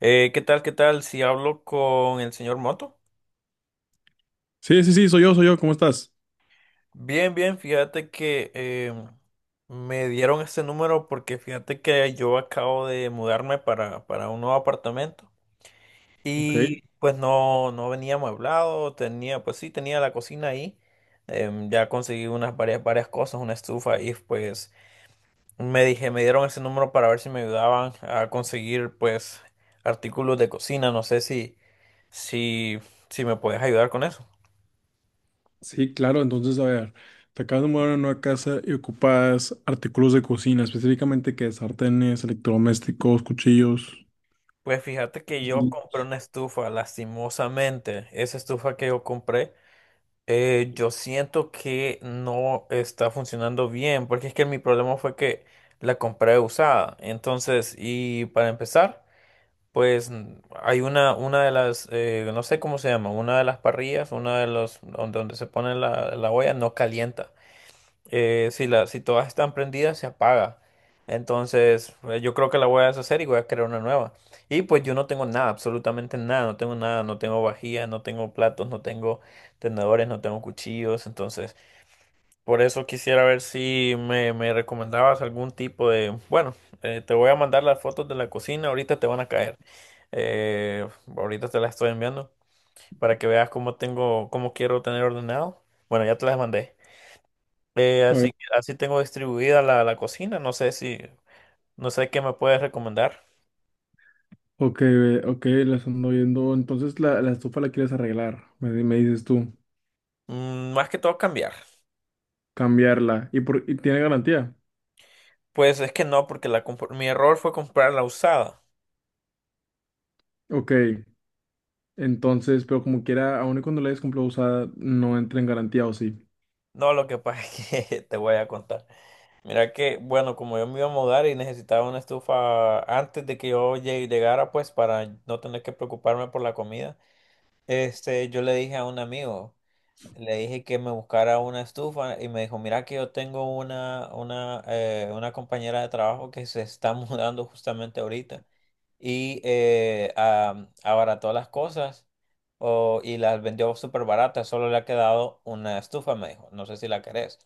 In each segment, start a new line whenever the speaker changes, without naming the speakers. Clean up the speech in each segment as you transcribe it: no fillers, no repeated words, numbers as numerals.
¿Qué tal? ¿Qué tal? Si hablo con el señor Moto.
Sí, sí, sí, soy yo, ¿cómo estás?
Bien, bien, fíjate que me dieron este número porque fíjate que yo acabo de mudarme para un nuevo apartamento
Ok.
y pues no venía amueblado, tenía, pues sí, tenía la cocina ahí, ya conseguí unas varias cosas, una estufa y pues me dije, me dieron ese número para ver si me ayudaban a conseguir pues artículos de cocina, no sé si, si, si me puedes ayudar con eso.
Sí, claro, entonces, a ver, te acabas de mudar a una nueva casa y ocupas artículos de cocina, específicamente que sartenes, electrodomésticos, cuchillos.
Pues fíjate que yo
Sí.
compré una estufa, lastimosamente. Esa estufa que yo compré, yo siento que no está funcionando bien, porque es que mi problema fue que la compré usada. Entonces, y para empezar, pues hay una de las, no sé cómo se llama, una de las parrillas, una de los, donde se pone la olla, no calienta si, la, si todas están prendidas, se apaga. Entonces, yo creo que la voy a deshacer y voy a crear una nueva. Y pues yo no tengo nada, absolutamente nada, no tengo nada, no tengo vajilla, no tengo platos, no tengo tenedores, no tengo cuchillos. Entonces, por eso quisiera ver si me, me recomendabas algún tipo de... Bueno, te voy a mandar las fotos de la cocina, ahorita te van a caer. Eh, ahorita te las estoy enviando para que veas cómo tengo, cómo quiero tener ordenado. Bueno, ya te las mandé.
A ver,
Así, así tengo distribuida la cocina. No sé si, no sé qué me puedes recomendar.
ok, ve, ok, las ando viendo. Entonces, la estufa la quieres arreglar, me dices tú,
Mm, más que todo cambiar.
cambiarla. ¿Y tiene garantía?
Pues es que no, porque la, mi error fue comprar la usada.
Ok, entonces, pero como quiera, aun y cuando la hayas comprado usada, no entra en garantía, ¿o sí?
No, lo que pasa es que te voy a contar. Mira que, bueno, como yo me iba a mudar y necesitaba una estufa antes de que yo llegara, pues para no tener que preocuparme por la comida, este, yo le dije a un amigo. Le dije que me buscara una estufa y me dijo, mira que yo tengo una compañera de trabajo que se está mudando justamente ahorita y abarató las cosas y las vendió súper baratas, solo le ha quedado una estufa, me dijo, no sé si la querés.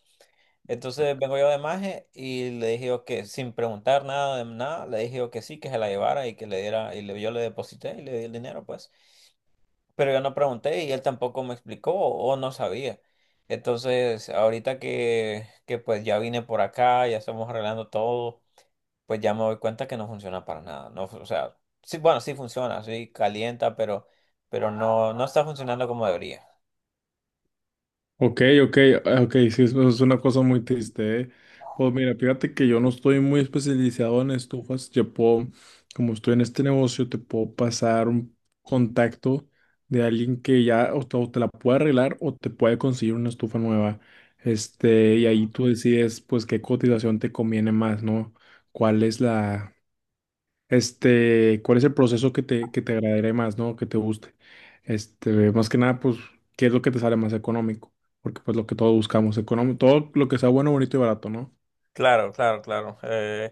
Entonces vengo yo de maje y le dije yo que sin preguntar nada de nada, le dije yo que sí, que se la llevara y que le diera, y yo le deposité y le di el dinero, pues pero yo no pregunté y él tampoco me explicó o no sabía. Entonces, ahorita que pues ya vine por acá, ya estamos arreglando todo, pues ya me doy cuenta que no funciona para nada. No, o sea, sí, bueno, sí funciona, sí calienta, pero no, no está funcionando como debería.
Ok, ok, ah, ok, sí, eso es una cosa muy triste, ¿eh? Pues mira, fíjate que yo no estoy muy especializado en estufas, yo puedo, como estoy en este negocio, te puedo pasar un contacto de alguien que ya o te la puede arreglar o te puede conseguir una estufa nueva, este, y ahí tú decides pues qué cotización te conviene más, ¿no? ¿Cuál es la, ¿cuál es el proceso que te agradaría más, ¿no? Que te guste. Este, más que nada, pues, ¿qué es lo que te sale más económico? Porque pues lo que todos buscamos, económico, todo lo que sea bueno, bonito y barato, ¿no?
Claro, claro, claro.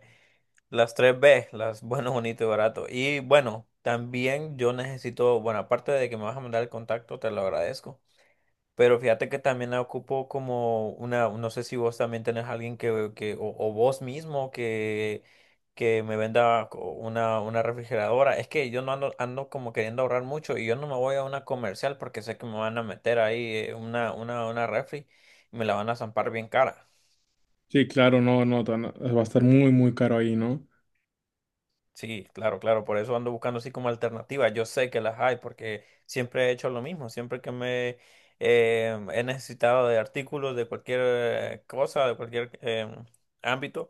Las tres b las bueno, bonito y barato. Y bueno, también yo necesito, bueno, aparte de que me vas a mandar el contacto, te lo agradezco. Pero fíjate que también la ocupo como una, no sé si vos también tenés alguien que o vos mismo que me venda una refrigeradora. Es que yo no ando, ando como queriendo ahorrar mucho y yo no me voy a una comercial porque sé que me van a meter ahí una refri y me la van a zampar bien cara.
Sí, claro, no, no, va a estar muy, muy caro ahí, ¿no?
Sí, claro, claro, por eso ando buscando así como alternativas. Yo sé que las hay porque siempre he hecho lo mismo, siempre que me he necesitado de artículos de cualquier cosa, de cualquier ámbito,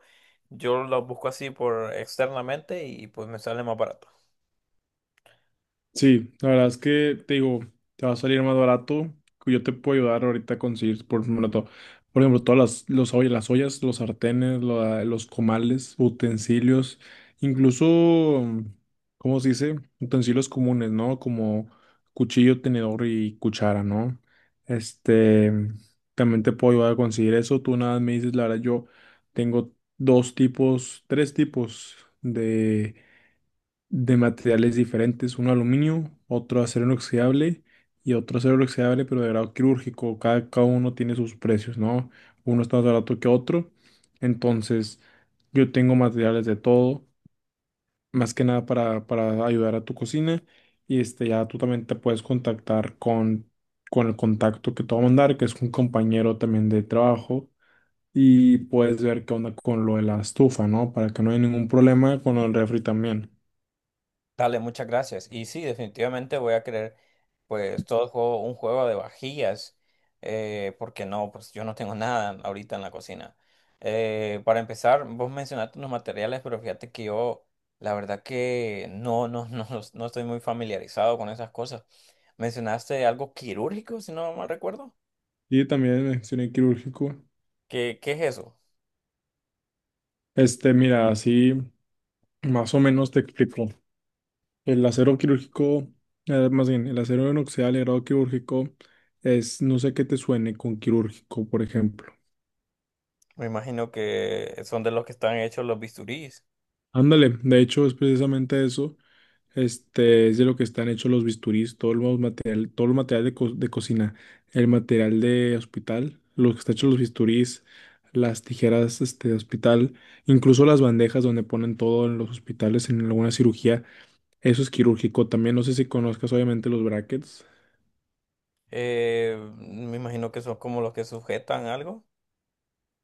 yo los busco así por externamente y pues me sale más barato.
Sí, la verdad es que te digo, te va a salir más barato. Que yo te puedo ayudar ahorita a conseguir, por ejemplo, por ejemplo, todas las ollas, los sartenes, los comales, utensilios, incluso, ¿cómo se dice? Utensilios comunes, ¿no? Como cuchillo, tenedor y cuchara, ¿no? Este, también te puedo ayudar a conseguir eso. Tú nada más me dices, la verdad, yo tengo dos tipos, tres tipos de materiales diferentes, uno aluminio, otro acero inoxidable y otro acero inoxidable, pero de grado quirúrgico. Cada uno tiene sus precios, ¿no? Uno está más barato que otro. Entonces, yo tengo materiales de todo, más que nada para, ayudar a tu cocina. Y este, ya tú también te puedes contactar con el contacto que te va a mandar, que es un compañero también de trabajo. Y puedes ver qué onda con lo de la estufa, ¿no? Para que no haya ningún problema con el refri también.
Dale, muchas gracias. Y sí, definitivamente voy a querer, pues, todo juego, un juego de vajillas, porque no, pues yo no tengo nada ahorita en la cocina. Para empezar, vos mencionaste unos materiales, pero fíjate que yo, la verdad que no, no, no, no estoy muy familiarizado con esas cosas. Mencionaste algo quirúrgico, si no mal recuerdo.
Y también accioné quirúrgico.
¿Qué, qué es eso?
Este, mira, así más o menos te explico. El acero quirúrgico, más bien, el acero inoxidable de grado quirúrgico es, no sé qué te suene con quirúrgico, por ejemplo.
Me imagino que son de los que están hechos los bisturís.
Ándale, de hecho es precisamente eso. Este, es de lo que están hechos los bisturís, todo el material de cocina, el material de hospital, lo que está hecho los bisturís, las tijeras, este, de hospital, incluso las bandejas donde ponen todo en los hospitales en alguna cirugía. Eso es quirúrgico también. No sé si conozcas obviamente los brackets.
Me imagino que son como los que sujetan algo.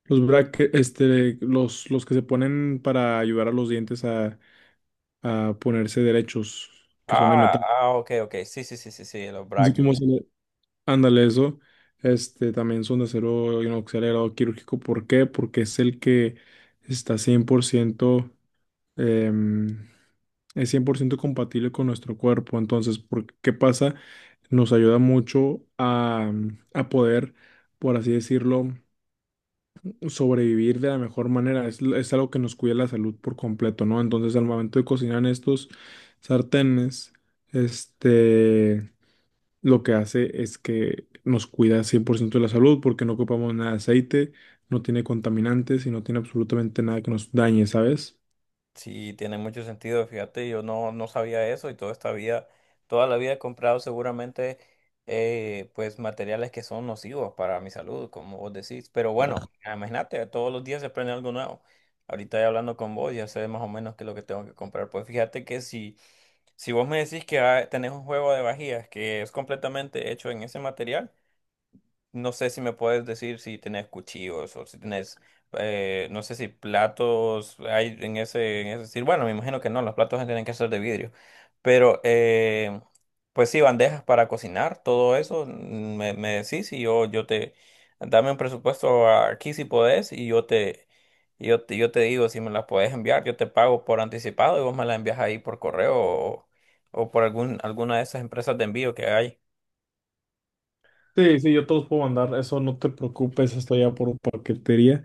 Los brackets, este, los que se ponen para ayudar a los dientes a ponerse derechos, que son de
Ah,
metal.
ah, ok, ok. Sí, sí, sí, sí, sí, los
No sé cómo
brackets.
se le... Ándale, eso. Este, también son de acero inoxidado quirúrgico. ¿Por qué? Porque es el que está 100%, em, es 100% compatible con nuestro cuerpo. Entonces, ¿por qué pasa? Nos ayuda mucho a poder, por así decirlo, sobrevivir de la mejor manera. Es algo que nos cuida la salud por completo, ¿no? Entonces, al momento de cocinar en estos sartenes, este, lo que hace es que nos cuida 100% de la salud porque no ocupamos nada de aceite, no tiene contaminantes y no tiene absolutamente nada que nos dañe, ¿sabes?
Sí, tiene mucho sentido. Fíjate, yo no, no sabía eso y toda esta vida, toda la vida he comprado seguramente pues materiales que son nocivos para mi salud, como vos decís. Pero bueno, imagínate, todos los días se aprende algo nuevo. Ahorita ya hablando con vos, ya sé más o menos qué es lo que tengo que comprar. Pues fíjate que si, si vos me decís que ah, tenés un juego de vajillas que es completamente hecho en ese material, no sé si me puedes decir si tenés cuchillos o si tenés, no sé si platos hay en ese decir, bueno, me imagino que no, los platos tienen que ser de vidrio, pero pues sí, bandejas para cocinar, todo eso, mm, me decís y yo te, dame un presupuesto aquí si podés y yo te digo si me las podés enviar, yo te pago por anticipado y vos me las envías ahí por correo o por algún, alguna de esas empresas de envío que hay.
Sí, sí, yo te los puedo mandar, eso no te preocupes, esto ya por paquetería.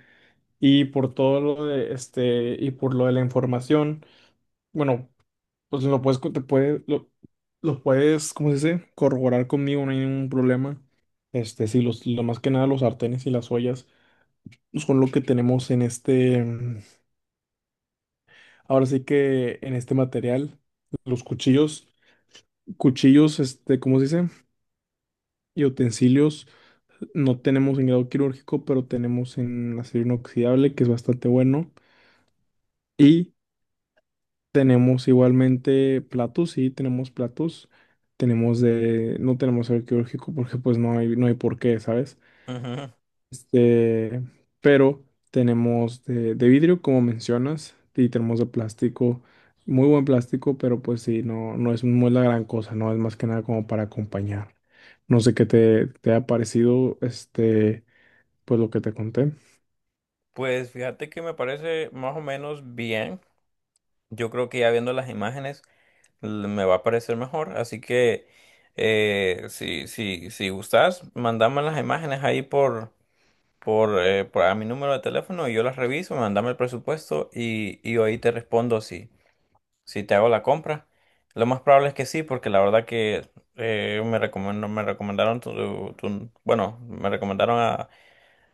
Y por todo lo de este, y por lo de la información, bueno. Pues lo puedes, co- te puede- lo puedes, ¿cómo se dice? Corroborar conmigo, no hay ningún problema. Este, sí, lo más que nada los sartenes y las ollas pues, son lo que tenemos en este, ahora sí que en este material, los cuchillos, este, ¿cómo se dice? Y utensilios, no tenemos en grado quirúrgico, pero tenemos en acero inoxidable, que es bastante bueno. Y tenemos igualmente platos, sí, tenemos platos. No tenemos arqueológico porque pues no hay, por qué, ¿sabes? Este, pero tenemos de vidrio, como mencionas, y tenemos de plástico, muy buen plástico, pero pues sí, no, no es, muy la gran cosa, ¿no? Es más que nada como para acompañar. No sé qué te ha parecido, este, pues lo que te conté.
Pues fíjate que me parece más o menos bien. Yo creo que ya viendo las imágenes me va a parecer mejor. Así que si, si, si gustas, mandame las imágenes ahí por a mi número de teléfono y yo las reviso, mandame el presupuesto y ahí te respondo si, si te hago la compra. Lo más probable es que sí, porque la verdad que me recomendó, me recomendaron bueno, me recomendaron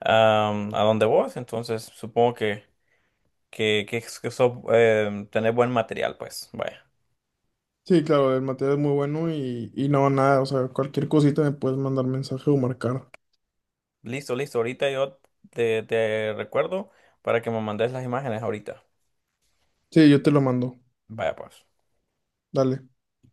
a donde vos, entonces supongo que, que tener buen material, pues. Vaya.
Sí, claro, el material es muy bueno y no, nada, o sea, cualquier cosita me puedes mandar mensaje o marcar.
Listo, listo. Ahorita yo te, te recuerdo para que me mandes las imágenes ahorita.
Sí, yo te lo mando.
Vaya, pues.
Dale.